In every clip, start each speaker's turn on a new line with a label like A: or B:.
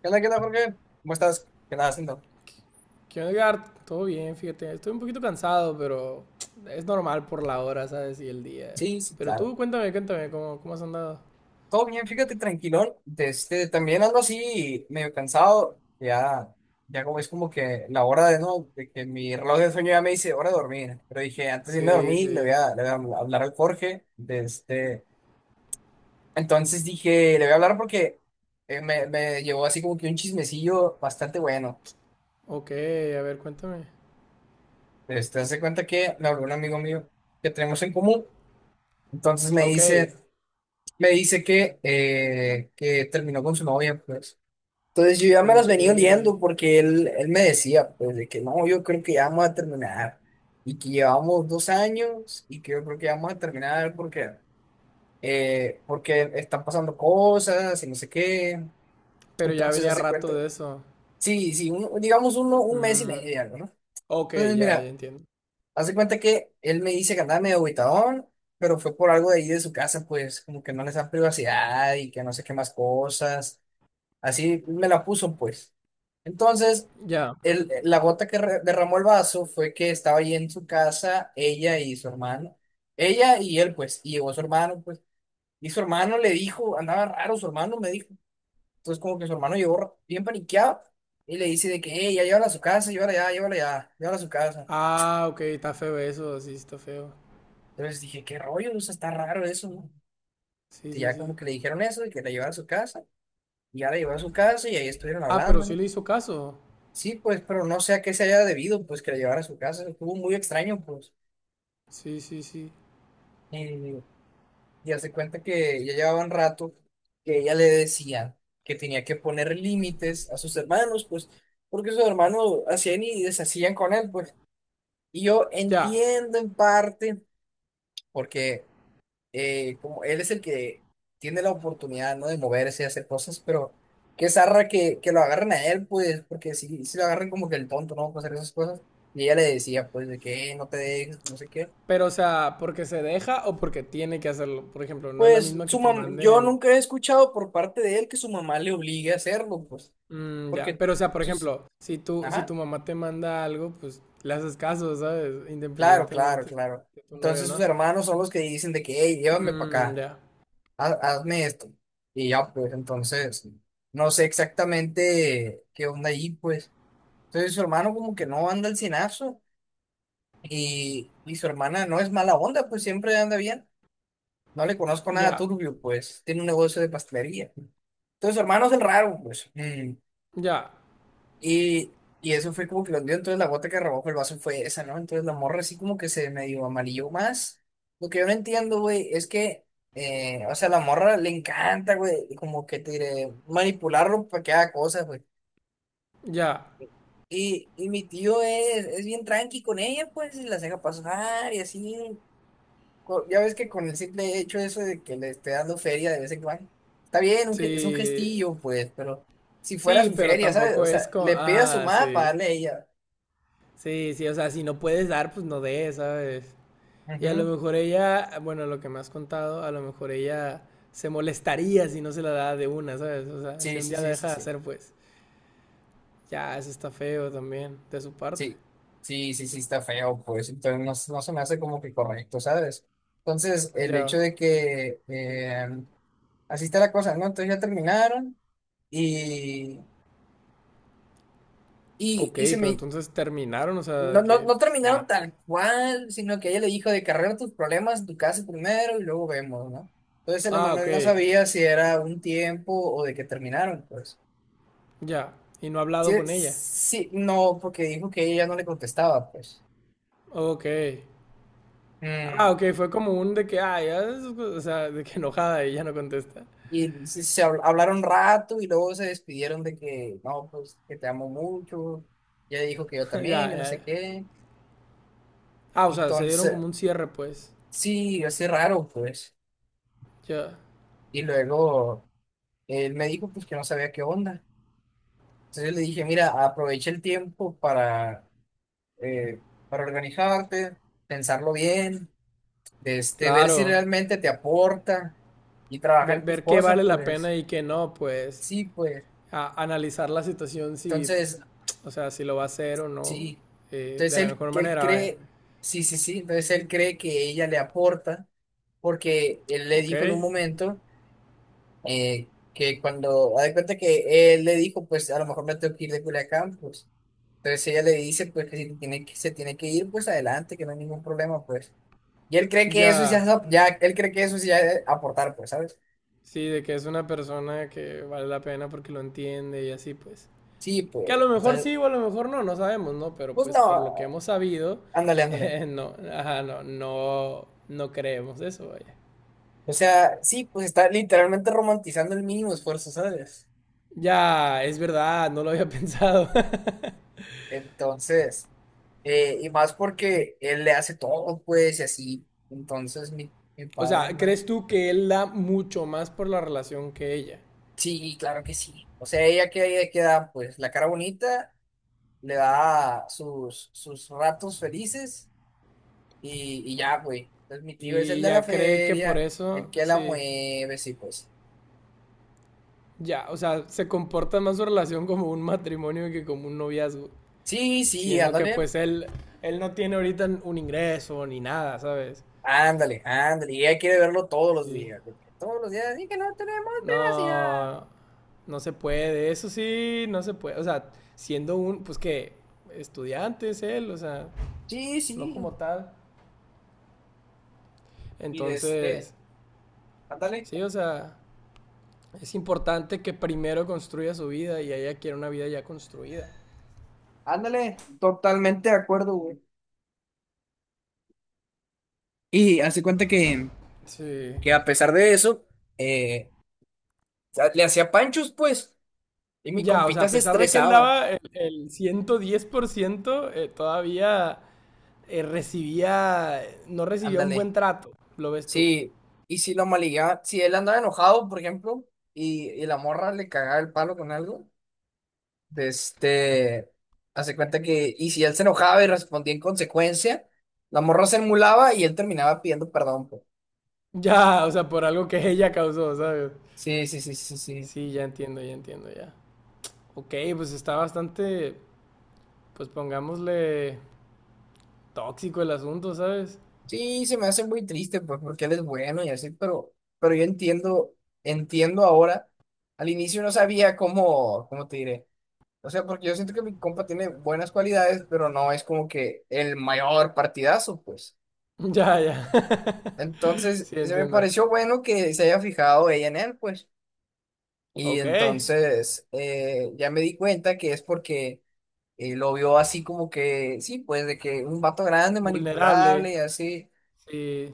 A: Qué onda, Jorge? ¿Cómo estás? ¿Qué andas haciendo?
B: ¿Qué onda, Edgar? Todo bien, fíjate. Estoy un poquito cansado, pero es normal por la hora, ¿sabes? Y el día.
A: Sí, sí,
B: Pero
A: claro.
B: tú, cuéntame, ¿cómo has andado?
A: Todo bien, fíjate, tranquilón. También ando así medio cansado. Ya, ya como es como que la hora de no, de que mi reloj de sueño ya me dice hora de dormir. Pero dije, antes de irme a
B: Sí,
A: dormir, le voy
B: sí.
A: a, le voy a hablar al Jorge. De este. Entonces dije, le voy a hablar porque me llevó así como que un chismecillo bastante bueno.
B: Ok, a ver, cuéntame.
A: Hace cuenta que me habló un amigo mío que tenemos en común. Entonces me
B: Ok,
A: dice. Me dice que terminó con su novia, pues. Entonces yo ya me las
B: ok.
A: venía oliendo porque él me decía, pues, de que no, yo creo que ya vamos a terminar y que llevamos 2 años y que yo creo que ya vamos a terminar porque, porque están pasando cosas y no sé qué.
B: Pero ya
A: Entonces
B: venía
A: hace cuenta,
B: rato de eso.
A: sí, sí, digamos un mes y
B: Mm,
A: medio, algo, ¿no?
B: ok,
A: Entonces
B: ya
A: mira,
B: entiendo.
A: hace cuenta que él me dice que andaba medio agüitadón, pero fue por algo de ahí de su casa, pues como que no les da privacidad y que no sé qué más cosas. Así me la puso, pues. Entonces,
B: Ya.
A: la gota que derramó el vaso fue que estaba ahí en su casa, ella y su hermano. Ella y él, pues, y llegó su hermano, pues. Y su hermano le dijo, andaba raro, su hermano me dijo. Entonces, como que su hermano llegó bien paniqueado y le dice de que, hey, ya llévala a su casa, llévala ya, llévala ya, llévala a su casa.
B: Ah, ok, está feo eso, sí, está feo.
A: Entonces dije, qué rollo, o sea, está raro eso, ¿no?
B: Sí,
A: Y
B: sí,
A: ya
B: sí.
A: como que le dijeron eso, de que la llevara a su casa, y ya la llevó a su casa y ahí estuvieron
B: Ah, pero
A: hablando,
B: sí
A: ¿no?
B: le hizo caso.
A: Sí, pues, pero no sé a qué se haya debido, pues, que la llevara a su casa. Estuvo muy extraño, pues.
B: Sí, sí, sí.
A: Y, y hace cuenta que ya llevaba un rato que ella le decía que tenía que poner límites a sus hermanos, pues, porque sus hermanos hacían y deshacían con él, pues. Y yo
B: Ya.
A: entiendo en parte, porque como él es el que tiene la oportunidad, ¿no? De moverse y hacer cosas, pero qué zarra que lo agarren a él, pues, porque si, si lo agarran como que el tonto, ¿no? Para hacer esas cosas. Y ella le decía, pues, de que no te dejes, no sé qué.
B: Pero, o sea, porque se deja o porque tiene que hacerlo. Por ejemplo, no es la
A: Pues
B: misma que
A: su
B: te
A: mam yo
B: manden.
A: nunca he escuchado por parte de él que su mamá le obligue a hacerlo, pues,
B: Mm, ya.
A: porque,
B: Pero, o sea, por
A: sus-
B: ejemplo, si tu
A: ajá,
B: mamá te manda algo, pues le haces caso, ¿sabes?
A: claro, claro,
B: Independientemente
A: claro.
B: si tu novio o
A: Entonces sus
B: no.
A: hermanos son los que dicen de que, hey, llévame para
B: Mm,
A: acá.
B: ya.
A: Hazme esto. Y ya, pues entonces, no sé exactamente qué onda ahí, pues. Entonces su hermano como que no anda al cienazo y su hermana no es mala onda, pues siempre anda bien. No le conozco nada
B: Ya.
A: turbio, pues tiene un negocio de pastelería. Entonces su hermano es el raro, pues.
B: Ya.
A: Y, y eso fue como que lo hundió, entonces la gota que rebajó el vaso fue esa, ¿no? Entonces la morra así como que se medio amarilló más. Lo que yo no entiendo, güey, es que, o sea, la morra le encanta, güey, como que te diré, manipularlo para que haga cosas, güey.
B: Ya.
A: Y mi tío es bien tranqui con ella, pues, y las deja pasar y así. Ya ves que con el simple hecho eso de que le esté dando feria de vez en cuando, está bien, es un
B: Sí.
A: gestillo, pues, pero si fuera
B: Sí,
A: su
B: pero
A: feria, ¿sabes? O
B: tampoco
A: sea,
B: es como.
A: le pide a su
B: Ah,
A: mamá para
B: sí.
A: darle a ella.
B: Sí, sí. O sea, si no puedes dar, pues no des, ¿sabes? Y a lo
A: Ujú.
B: mejor ella, bueno, lo que me has contado, a lo mejor ella se molestaría si no se la da de una, ¿sabes? O sea, si
A: Sí,
B: un
A: sí,
B: día la
A: sí, sí,
B: deja de
A: sí.
B: hacer, pues ya, eso está feo también de su parte.
A: Sí, sí, sí, sí, está feo, pues. Entonces no, se- no se me hace como que correcto, ¿sabes? Entonces, el
B: Ya,
A: hecho de que así está la cosa, ¿no? Entonces ya terminaron y, y,
B: ok,
A: y se
B: pero
A: me.
B: entonces terminaron, o sea,
A: No,
B: de
A: no,
B: que
A: no
B: pues,
A: terminaron
B: ya, pues.
A: tal cual, sino que ella le dijo de que arregla tus problemas, tu casa primero y luego vemos, ¿no? Entonces el
B: Ah, ok,
A: Emanuel no sabía si era un tiempo o de que terminaron, pues.
B: ya. Y no ha
A: Sí,
B: hablado con ella.
A: sí, no, porque dijo que ella no le contestaba, pues.
B: Ok. Ah,
A: Mm,
B: ok, fue como un de que, ah, ya, o sea, de que enojada y ya no contesta.
A: Hablaron un rato y luego se despidieron de que, no, pues que te amo mucho. Ella dijo que yo
B: ya,
A: también, que no
B: ya.
A: sé qué.
B: Ah, o sea, se dieron
A: Entonces,
B: como un cierre, pues.
A: sí, así raro, pues.
B: Ya.
A: Y luego él me dijo, pues que no sabía qué onda. Entonces yo le dije, mira, aprovecha el tiempo eh, para organizarte, pensarlo bien, ver si
B: Claro.
A: realmente te aporta y trabajar
B: Ve-
A: en tus
B: ver qué
A: cosas,
B: vale la
A: pues.
B: pena y qué no, pues
A: Sí, pues.
B: analizar la situación si,
A: Entonces,
B: o sea, si lo va a hacer o no,
A: sí. Entonces
B: de la
A: él,
B: mejor
A: él
B: manera, vaya.
A: cree, sí, sí, sí, entonces él cree que ella le aporta, porque él le
B: ¿Ok?
A: dijo en un momento que cuando, haz de cuenta que él le dijo, pues a lo mejor me tengo que ir de Culiacán, pues. Entonces ella le dice, pues que si tiene que, se tiene que ir, pues adelante, que no hay ningún problema, pues. Y él cree que eso ya,
B: Ya,
A: ya él cree que eso es ya es aportar, pues, ¿sabes?
B: sí, de que es una persona que vale la pena porque lo entiende y así, pues.
A: Sí,
B: Que
A: pues,
B: a lo mejor
A: entonces,
B: sí o a lo mejor no, no sabemos, ¿no? Pero
A: pues
B: pues por lo que
A: no,
B: hemos sabido,
A: ándale, ándale.
B: no, ajá, no creemos eso, vaya.
A: O sea, sí, pues está literalmente romantizando el mínimo esfuerzo, ¿sabes?
B: Ya, es verdad, no lo había pensado.
A: Entonces, y más porque él le hace todo, pues, y así. Entonces, mi
B: O sea,
A: padre, ¿no?
B: ¿crees tú que él da mucho más por la relación que ella?
A: Sí, claro que sí. O sea, ella que ella queda, pues, la cara bonita, le da sus ratos felices y ya, güey. Entonces, mi tío es el
B: Y
A: de la
B: ya cree que por
A: feria, el
B: eso,
A: que la
B: sí,
A: mueve, sí, pues.
B: ya, o sea, se comporta más su relación como un matrimonio que como un noviazgo,
A: Sí, sí,
B: siendo que
A: ándale,
B: pues él no tiene ahorita un ingreso ni nada, ¿sabes?
A: ándale, ándale. Y ella quiere verlo todos los
B: Sí,
A: días, porque todos los días, y que no tenemos privacidad.
B: no, no se puede, eso sí, no se puede, o sea, siendo un, pues que, estudiante es él, o sea,
A: Sí,
B: no
A: sí.
B: como tal.
A: Y de este,
B: Entonces,
A: Ándale.
B: sí, o sea, es importante que primero construya su vida y ella quiere una vida ya construida.
A: Ándale, totalmente de acuerdo, güey. Y hace cuenta
B: Sí.
A: que a pesar de eso, eh, le hacía panchos, pues, y mi
B: Ya, o sea,
A: compita
B: a
A: se
B: pesar de que él
A: estresaba.
B: daba el 110%, todavía recibía, no recibía un
A: Ándale.
B: buen trato, lo ves tú.
A: Sí, y si lo maligueaba, si él andaba enojado, por ejemplo, y la morra le cagaba el palo con algo, de este, hace cuenta que, y si él se enojaba y respondía en consecuencia, la morra se emulaba y él terminaba pidiendo perdón, pues.
B: Ya, o sea, por algo que ella causó, ¿sabes?
A: Sí, sí, sí, sí, sí.
B: Sí, ya entiendo, ya. Ok, pues está bastante, pues pongámosle tóxico el asunto, ¿sabes?
A: Sí, se me hace muy triste, pues, porque él es bueno y así, pero yo entiendo, entiendo ahora. Al inicio no sabía cómo, cómo te diré. O sea, porque yo siento que mi compa tiene buenas cualidades, pero no es como que el mayor partidazo, pues.
B: Ya, ya.
A: Entonces,
B: sí,
A: se me
B: entiendo.
A: pareció bueno que se haya fijado ella en él, pues. Y
B: Ok,
A: entonces, ya me di cuenta que es porque lo vio así como que, sí, pues, de que un vato grande,
B: vulnerable.
A: manipulable y así.
B: Sí,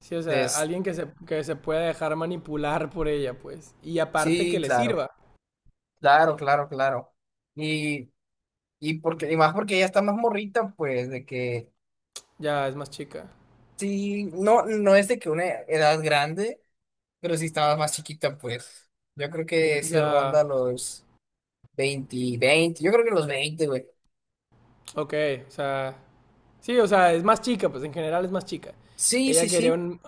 B: sí, o sea,
A: Entonces,
B: alguien que se pueda dejar manipular por ella, pues. Y aparte
A: sí,
B: que le
A: claro.
B: sirva.
A: Claro, claro, claro. Y, y porque, y más porque ella está más morrita, pues, de que
B: Ya es más chica.
A: sí, no, no es de que una edad grande, pero sí estaba más chiquita, pues. Yo creo que sí
B: Ya,
A: ronda los 20 20 yo creo que los 20 güey.
B: ok, o sea. Sí, o sea, es más chica, pues en general es más chica.
A: Sí,
B: Ella
A: sí,
B: quería
A: sí.
B: un,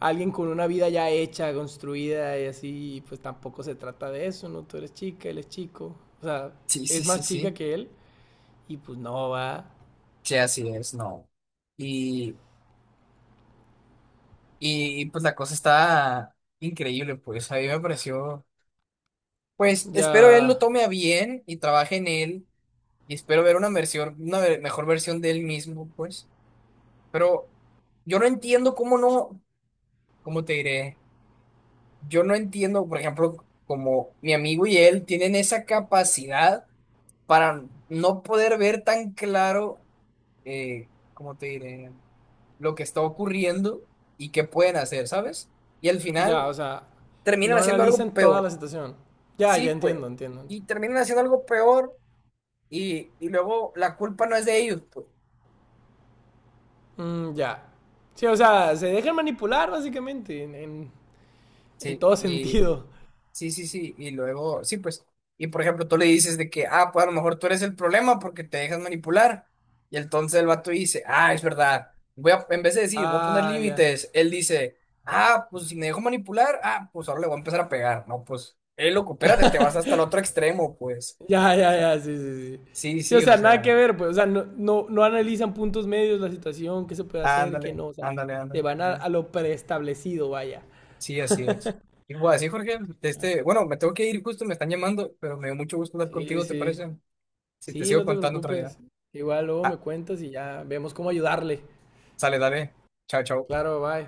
B: alguien con una vida ya hecha, construida y así, y pues tampoco se trata de eso, ¿no? Tú eres chica, él es chico. O sea,
A: Sí, sí,
B: es
A: sí,
B: más chica
A: sí.
B: que él y pues no va.
A: Sí, así es, no. Y, y pues la cosa está increíble, pues. A mí me pareció. Pues espero él lo
B: Ya,
A: tome a bien y trabaje en él. Y espero ver una versión, mejor versión de él mismo, pues. Pero yo no entiendo cómo no, cómo te diré, yo no entiendo, por ejemplo, como mi amigo y él tienen esa capacidad para no poder ver tan claro, cómo te diré, lo que está ocurriendo y qué pueden hacer, ¿sabes? Y al
B: ya,
A: final
B: o sea,
A: terminan
B: no
A: haciendo algo
B: analizan toda la
A: peor.
B: situación. Ya,
A: Sí,
B: ya
A: pues.
B: entiendo, entiendo,
A: Y
B: entiendo.
A: terminan haciendo algo peor y luego la culpa no es de ellos, pues.
B: Mm, ya. Sí, o sea, se dejan manipular básicamente en
A: Sí,
B: todo
A: y
B: sentido.
A: sí, sí, sí, y luego, sí, pues, y por ejemplo, tú le dices de que, ah, pues a lo mejor tú eres el problema porque te dejas manipular, y entonces el vato dice, ah, es verdad, voy a, en vez de decir, voy a poner
B: Ah, ya.
A: límites, él dice, ah, pues si me dejo manipular, ah, pues ahora le voy a empezar a pegar, no, pues, loco, espérate, te vas hasta el otro extremo, pues,
B: Ya, sí, sí, sí.
A: sí,
B: Sí, o
A: sí, o
B: sea, nada que
A: sea,
B: ver, pues, o sea, no analizan puntos medios, la situación, qué se puede hacer, qué
A: ándale,
B: no, o sea,
A: ándale,
B: se
A: ándale,
B: van
A: ándale,
B: a lo preestablecido, vaya.
A: sí, así es. Y pues así, Jorge,
B: Ya.
A: bueno, me tengo que ir justo, me están llamando, pero me dio mucho gusto hablar
B: Sí,
A: contigo, ¿te
B: sí.
A: parece? Si te
B: Sí,
A: sigo
B: no te
A: contando otra vez.
B: preocupes. Igual luego me
A: Ah,
B: cuentas y ya vemos cómo ayudarle.
A: sale, dale. Chao, chao.
B: Claro, bye.